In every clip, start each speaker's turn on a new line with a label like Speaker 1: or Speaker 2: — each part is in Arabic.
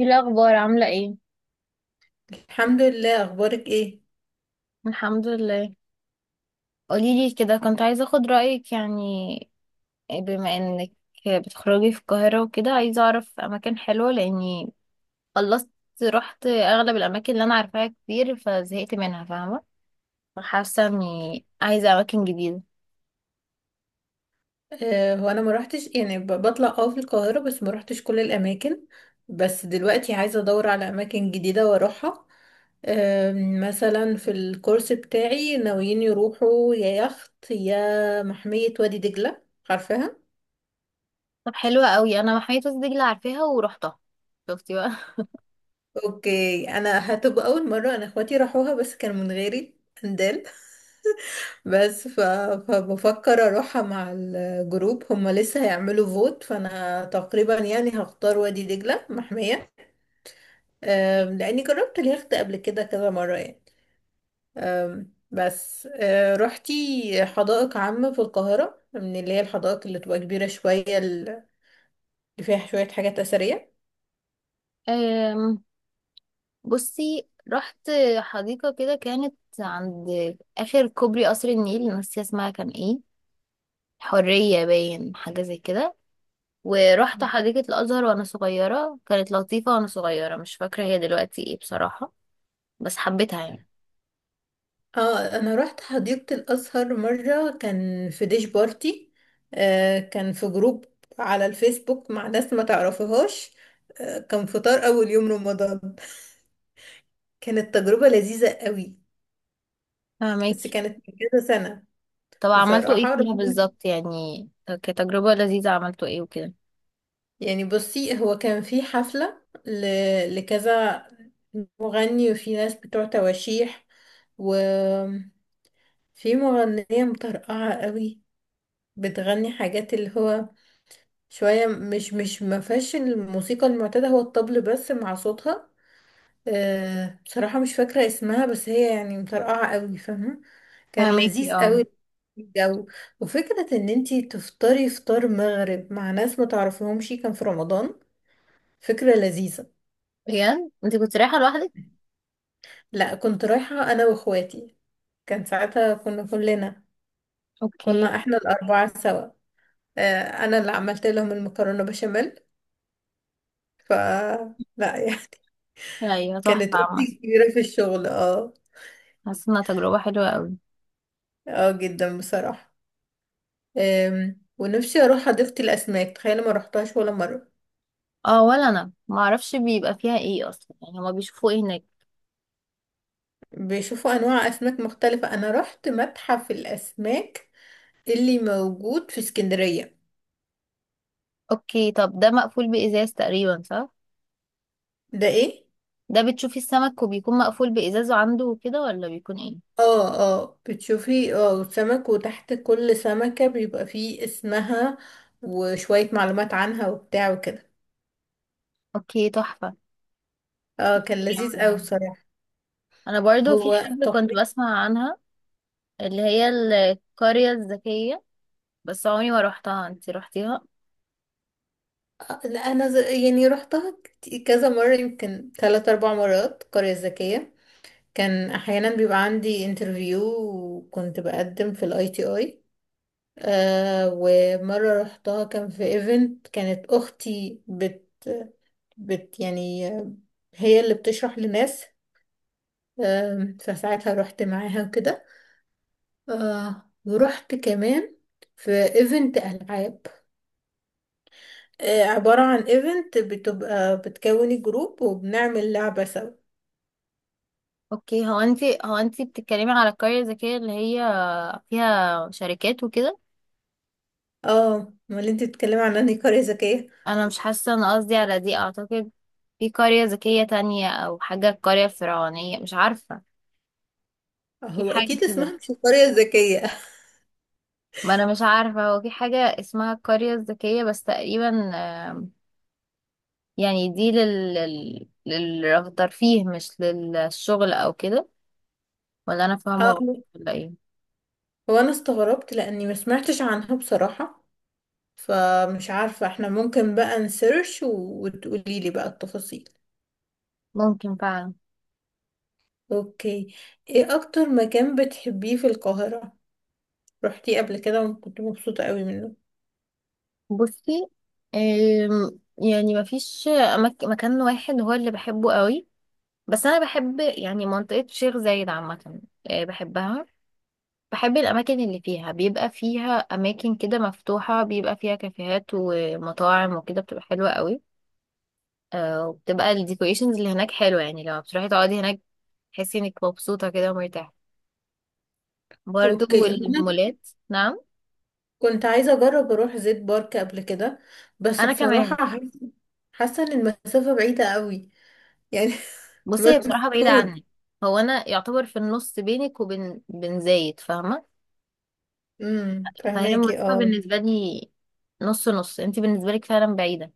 Speaker 1: ايه الاخبار؟ عامله ايه؟
Speaker 2: الحمد لله. اخبارك ايه؟
Speaker 1: الحمد لله. قوليلي كده، كنت عايزه اخد رايك يعني، بما انك بتخرجي في القاهره وكده، عايزه اعرف اماكن حلوه لاني خلصت. رحت اغلب الاماكن اللي انا عارفاها كتير فزهقت منها، فاهمه؟ فحاسه اني عايزه اماكن جديده.
Speaker 2: هو انا ما روحتش، يعني بطلع في القاهره، بس ما روحتش كل الاماكن. بس دلوقتي عايزه ادور على اماكن جديده واروحها. آه. مثلا في الكورس بتاعي ناويين يروحوا يا يخت يا محميه وادي دجله، عارفاها.
Speaker 1: طب حلوه قوي، انا محميه وسط دجله عارفاها ورحتها. شفتي بقى؟
Speaker 2: اوكي، انا هتبقى اول مره، انا اخواتي راحوها بس كانوا من غيري اندال بس ف... فبفكر اروحها مع الجروب، هم لسه هيعملوا فوت، فانا تقريبا يعني هختار وادي دجلة محمية. لاني جربت اليخت قبل كده كذا مرة يعني. بس روحتي حدائق عامة في القاهرة، من اللي هي الحدائق اللي تبقى كبيرة شوية اللي فيها شوية حاجات أثرية.
Speaker 1: أم، بصي، رحت حديقه كده كانت عند اخر كوبري قصر النيل، ناسيه اسمها كان ايه، حرية باين حاجة زي كده. ورحت حديقة الأزهر وأنا صغيرة، كانت لطيفة وأنا صغيرة، مش فاكرة هي دلوقتي ايه بصراحة، بس حبيتها يعني.
Speaker 2: اه، انا رحت حديقة الازهر مرة، كان في ديش بارتي. كان في جروب على الفيسبوك مع ناس ما تعرفهاش. كان فطار اول يوم رمضان، كانت تجربة لذيذة قوي، بس
Speaker 1: فهماكي؟
Speaker 2: كانت من كذا سنة.
Speaker 1: طب عملتوا ايه
Speaker 2: بصراحة
Speaker 1: فيها بالظبط يعني؟ كتجربة لذيذة عملتوا ايه وكده؟
Speaker 2: يعني بصي، هو كان في حفلة لكذا مغني، وفي ناس بتوع تواشيح، وفي مغنية مطرقعة قوي، بتغني حاجات اللي هو شوية مش ما فيهاش الموسيقى المعتادة، هو الطبل بس مع صوتها. بصراحة مش فاكرة اسمها، بس هي يعني مطرقعة قوي، فاهمة. كان
Speaker 1: فهماكي،
Speaker 2: لذيذ
Speaker 1: اه.
Speaker 2: قوي الجو، وفكرة ان انتي تفطري فطار مغرب مع ناس ما تعرفيهمش كان في رمضان، فكرة لذيذة.
Speaker 1: بجد؟ انت كنت رايحة لوحدك؟
Speaker 2: لا، كنت رايحة انا واخواتي، كان ساعتها كنا كلنا،
Speaker 1: اوكي.
Speaker 2: كنا احنا الاربعة سوا. انا اللي عملت لهم المكرونة بشاميل. ف لا يعني
Speaker 1: ايوه تحفة
Speaker 2: كانت اختي
Speaker 1: عامة.
Speaker 2: كبيرة في الشغل، اه.
Speaker 1: حاسة انها تجربة حلوة قوي.
Speaker 2: اه جدا بصراحة. ونفسي اروح حديقة الاسماك، تخيل ما روحتهاش ولا مرة.
Speaker 1: اه، ولا انا معرفش بيبقى فيها ايه اصلا. يعني هما بيشوفوا ايه هناك؟
Speaker 2: بيشوفوا انواع اسماك مختلفة، انا رحت متحف الاسماك اللي موجود في اسكندرية.
Speaker 1: اوكي، طب ده مقفول بإزاز تقريبا، صح؟
Speaker 2: ده ايه؟
Speaker 1: ده بتشوفي السمك وبيكون مقفول بإزازه عنده وكده، ولا بيكون ايه؟
Speaker 2: اه، اه بتشوفي سمك، وتحت كل سمكة بيبقى فيه اسمها وشوية معلومات عنها وبتاع وكده.
Speaker 1: اوكي، تحفة.
Speaker 2: اه كان لذيذ اوي
Speaker 1: انا
Speaker 2: بصراحة.
Speaker 1: أنا برضو في
Speaker 2: هو
Speaker 1: حاجة كنت
Speaker 2: تقريبا.
Speaker 1: بسمع عنها، اللي هي القرية الذكية، بس عمري ما روحتها. انتي روحتيها؟
Speaker 2: لا انا يعني روحتها كذا مرة، يمكن ثلاث اربع مرات، قرية ذكية. كان احيانا بيبقى عندي انترفيو، وكنت بقدم في الاي تي اي. ومره رحتها كان في ايفنت، كانت اختي بت بت يعني هي اللي بتشرح لناس. فساعتها رحت معاها وكده. ورحت كمان في ايفنت العاب، عباره عن ايفنت بتبقى بتكوني جروب وبنعمل لعبه سوا.
Speaker 1: اوكي، هو انتي بتتكلمي على القرية الذكية اللي هي فيها شركات وكده؟
Speaker 2: اه، امال انت بتتكلمي عن انهي قريه ذكيه؟
Speaker 1: انا مش حاسة، انا قصدي على دي اعتقد. في قرية ذكية تانية او حاجة، القرية الفرعونية، مش عارفة، في
Speaker 2: هو
Speaker 1: حاجة
Speaker 2: اكيد
Speaker 1: كده.
Speaker 2: اسمها مش القريه الذكيه.
Speaker 1: ما انا مش عارفة هو في حاجة اسمها القرية الذكية بس، تقريبا يعني دي للترفيه مش للشغل او كده؟ ولا انا فاهمه غلط؟ ولا ايه؟
Speaker 2: هو انا استغربت لاني ما سمعتش عنها بصراحة، فمش عارفة، احنا ممكن بقى نسيرش وتقولي لي بقى التفاصيل.
Speaker 1: ممكن فعلا.
Speaker 2: اوكي. ايه اكتر مكان بتحبيه في القاهرة، رحتيه قبل كده وكنت مبسوطة قوي منه؟
Speaker 1: بصي، يعني مفيش مكان واحد هو اللي بحبه قوي، بس انا بحب يعني منطقه شيخ زايد عامه، بحبها. بحب الاماكن اللي فيها بيبقى فيها اماكن كده مفتوحه، بيبقى فيها كافيهات ومطاعم وكده، بتبقى حلوه قوي. وبتبقى الديكوريشنز اللي هناك حلوه، يعني لما بتروحي تقعدي هناك تحسي انك مبسوطة كده ومرتاحة. برضو
Speaker 2: اوكي. هو انا
Speaker 1: المولات، نعم.
Speaker 2: كنت عايزة اجرب اروح زيت بارك قبل كده، بس
Speaker 1: انا
Speaker 2: بصراحة
Speaker 1: كمان.
Speaker 2: حاسة، حاسة ان المسافة بعيدة قوي، يعني
Speaker 1: بصي، هي بصراحه بعيده
Speaker 2: مجهود.
Speaker 1: عني، هو انا يعتبر في النص بينك وبين زايد، فاهمه؟
Speaker 2: امم،
Speaker 1: فهي
Speaker 2: فهماكي
Speaker 1: المسافه
Speaker 2: اه.
Speaker 1: بالنسبه لي نص نص، انت بالنسبه لك فعلا بعيده.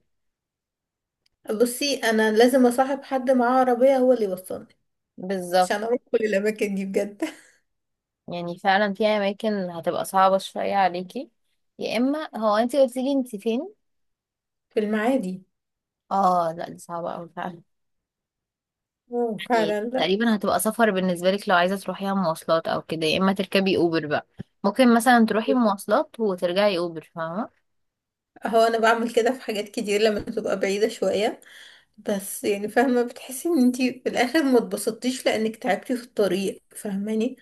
Speaker 2: بصي انا لازم اصاحب حد معاه عربية هو اللي يوصلني
Speaker 1: بالظبط.
Speaker 2: عشان اروح كل الاماكن دي بجد
Speaker 1: يعني فعلا في اماكن هتبقى صعبه شويه عليكي، يا اما، هو انت قلتي لي انت فين؟
Speaker 2: في المعادي.
Speaker 1: اه، لا دي صعبه قوي فعلا.
Speaker 2: اه
Speaker 1: يعني
Speaker 2: فعلا، لا.
Speaker 1: تقريبا هتبقى سفر بالنسبه لك لو عايزه تروحيها مواصلات او كده، يا اما تركبي اوبر بقى. ممكن مثلا تروحي مواصلات وترجعي اوبر، فاهمه؟
Speaker 2: هو انا بعمل كده في حاجات كتير لما تبقى بعيدة شوية، بس يعني فاهمة، بتحسي ان انتي في الاخر ما اتبسطتيش لانك تعبتي في الطريق، فاهماني.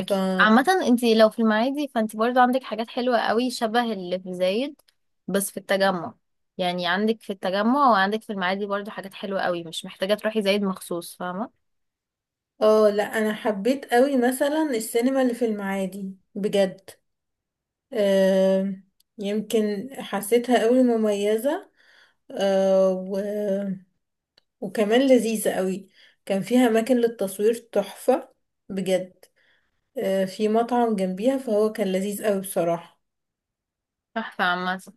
Speaker 2: ف
Speaker 1: عامة، انتي لو في المعادي فانتي برضو عندك حاجات حلوة قوي شبه اللي في زايد، بس في التجمع. يعني عندك في التجمع وعندك في المعادي برضو حاجات حلوة قوي، مش محتاجة تروحي زايد مخصوص، فاهمة؟
Speaker 2: اه لا، انا حبيت قوي مثلا السينما اللي في المعادي بجد. آه يمكن حسيتها قوي مميزة. آه و... وكمان لذيذة قوي، كان فيها اماكن للتصوير تحفة بجد. في مطعم جنبيها، فهو كان لذيذ قوي بصراحة.
Speaker 1: تحفة عامة.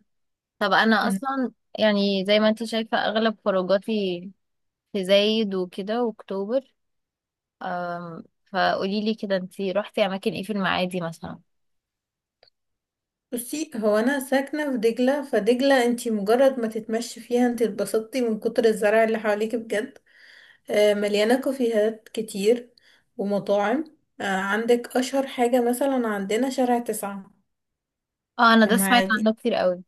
Speaker 1: طب انا
Speaker 2: مم.
Speaker 1: اصلا يعني زي ما انتي شايفة اغلب خروجاتي في زايد وكده واكتوبر. أم، فقولي لي كده، انتي روحتي اماكن ايه في المعادي مثلا؟
Speaker 2: بصي هو انا ساكنة في دجلة، فدجلة انتي مجرد ما تتمشي فيها انتي اتبسطتي من كتر الزرع اللي حواليك بجد. مليانة كافيهات كتير ومطاعم. عندك اشهر حاجة مثلا عندنا شارع 9
Speaker 1: اه انا ده سمعت
Speaker 2: المعادي.
Speaker 1: عنه كتير قوي.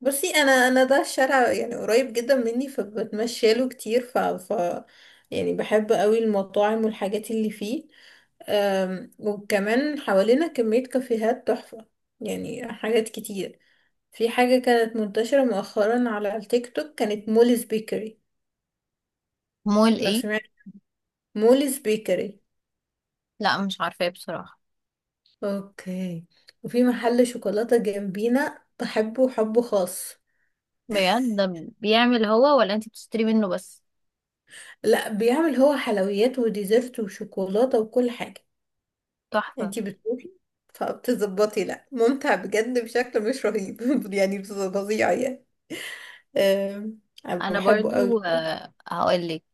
Speaker 2: بصي انا ده الشارع يعني قريب جدا مني، فبتمشى له كتير، يعني بحب قوي المطاعم والحاجات اللي فيه. وكمان حوالينا كمية كافيهات تحفة، يعني حاجات كتير. في حاجة كانت منتشرة مؤخرا على التيك توك، كانت موليز بيكري.
Speaker 1: مول
Speaker 2: لو
Speaker 1: ايه؟
Speaker 2: سمعت موليز بيكري.
Speaker 1: لا مش عارفة ايه بصراحة.
Speaker 2: اوكي. وفي محل شوكولاتة جنبينا بحبه حب خاص.
Speaker 1: بجد؟ ده بيعمل هو ولا انتي بتشتري منه بس؟
Speaker 2: لا، بيعمل هو حلويات وديزرت وشوكولاتة وكل حاجة.
Speaker 1: تحفة.
Speaker 2: انتي بتروحي فبتظبطي، لا، ممتع بجد بشكل مش رهيب يعني فظيع يعني. أم، أنا
Speaker 1: انا
Speaker 2: بحبه
Speaker 1: برضو
Speaker 2: قوي.
Speaker 1: هقول لك،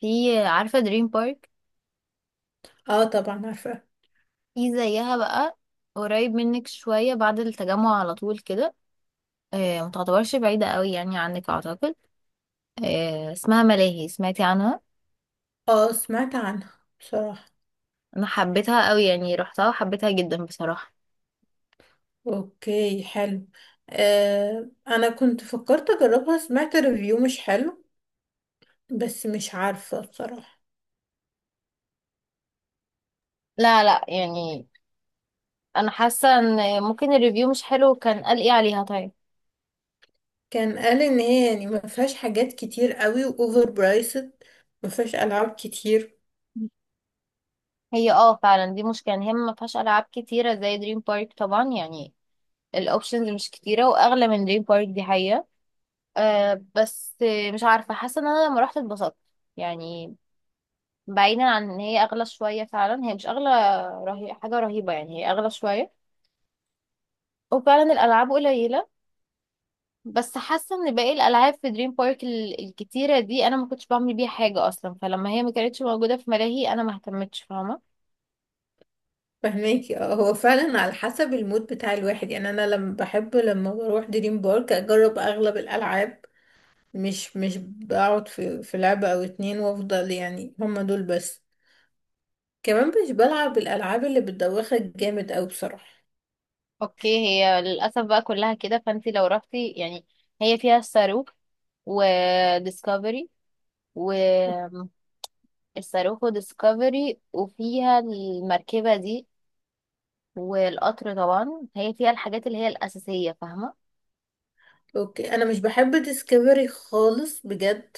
Speaker 1: في عارفة دريم بارك؟
Speaker 2: اه طبعا عارفة.
Speaker 1: في زيها بقى قريب منك شوية بعد التجمع على طول كده، ما تعتبرش بعيدة قوي يعني عنك، اعتقد. اسمها ملاهي، سمعتي عنها؟
Speaker 2: اه سمعت عنها بصراحة.
Speaker 1: انا حبيتها قوي، يعني رحتها وحبيتها جدا بصراحة.
Speaker 2: اوكي حلو. انا كنت فكرت اجربها، سمعت ريفيو مش حلو، بس مش عارفة بصراحة.
Speaker 1: لا لا يعني، انا حاسة ان ممكن الريفيو مش حلو، كان قال ايه عليها طيب؟
Speaker 2: كان قال ان هي يعني ما فيهاش حاجات كتير قوي، واوفر برايسد، ما فيهاش العاب كتير.
Speaker 1: هي اه فعلا، دي مشكلة إن هي ما فيهاش ألعاب كتيرة زي دريم بارك طبعا. يعني الأوبشنز مش كتيرة وأغلى من دريم بارك، دي حقيقة. أه بس مش عارفة، حاسة ان انا لما رحت اتبسطت يعني. بعيدا عن ان هي اغلى شوية، فعلا هي مش حاجة رهيبة، يعني هي اغلى شوية وفعلا الالعاب قليلة، بس حاسة ان باقي الالعاب في دريم بارك الكتيرة دي انا ما كنتش بعمل بيها حاجة اصلا، فلما هي ما كانتش موجودة في ملاهي انا ما اهتمتش، فاهمة؟
Speaker 2: فهماكي اه. هو فعلا على حسب المود بتاع الواحد يعني، انا لما بحب لما بروح دريم بارك اجرب اغلب الالعاب، مش بقعد في لعبة او اتنين وافضل يعني هما دول بس. كمان مش بلعب الالعاب اللي بتدوخك جامد اوي بصراحه.
Speaker 1: اوكي، هي للاسف بقى كلها كده، فانتي لو رحتي يعني. هي فيها الصاروخ وديسكفري، الصاروخ ديسكفري، وفيها المركبة دي، والقطر طبعا. هي فيها الحاجات اللي هي الأساسية، فاهمة؟
Speaker 2: اوكي، انا مش بحب ديسكفري خالص بجد،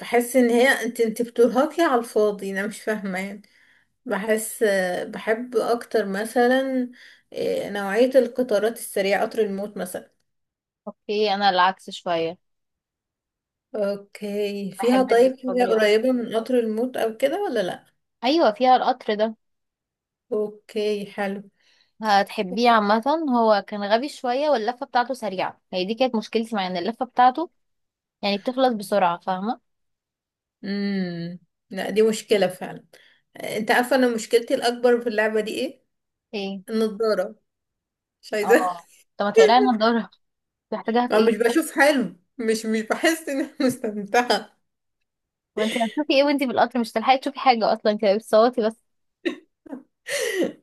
Speaker 2: بحس ان هي انت بترهقي على الفاضي، انا مش فاهمه يعني. بحس، بحب اكتر مثلا نوعيه القطارات السريعه، قطر الموت مثلا.
Speaker 1: اوكي. انا العكس شوية،
Speaker 2: اوكي، فيها
Speaker 1: بحب
Speaker 2: طيب حاجه
Speaker 1: الديسكفري أكتر.
Speaker 2: قريبه من قطر الموت او كده ولا لا؟
Speaker 1: ايوه فيها القطر ده،
Speaker 2: اوكي حلو.
Speaker 1: هتحبيه عامة. هو كان غبي شوية واللفة بتاعته سريعة، هي دي كانت مشكلتي، مع ان اللفة بتاعته يعني بتخلص بسرعة، فاهمة؟
Speaker 2: امم. لا دي مشكله فعلا. انت عارفه انا مشكلتي الاكبر في اللعبه دي ايه؟
Speaker 1: ايه؟
Speaker 2: النضاره، مش عايزه
Speaker 1: اه، طب ما تقراي، انا الدورة محتاجاها في
Speaker 2: أنا مش
Speaker 1: ايه؟
Speaker 2: بشوف حلو، مش بحس إن أنا مستمتعة
Speaker 1: ما انت هتشوفي ايه وانت في القطر؟ مش هتلحقي تشوفي حاجة اصلا، انت بتصوتي بس.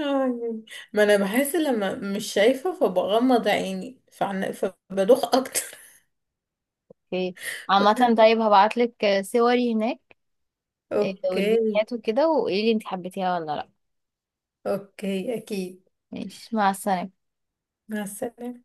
Speaker 2: آه، يعني ما أنا بحس لما مش شايفة فبغمض عيني فبدوخ أكتر
Speaker 1: اوكي عامة، طيب هبعتلك صوري هناك،
Speaker 2: أوكي.
Speaker 1: والفيديوهات وكده، وقولي لي انت حبيتيها ولا لا.
Speaker 2: أوكي أكيد.
Speaker 1: ماشي، مع السلامة.
Speaker 2: مع السلامة.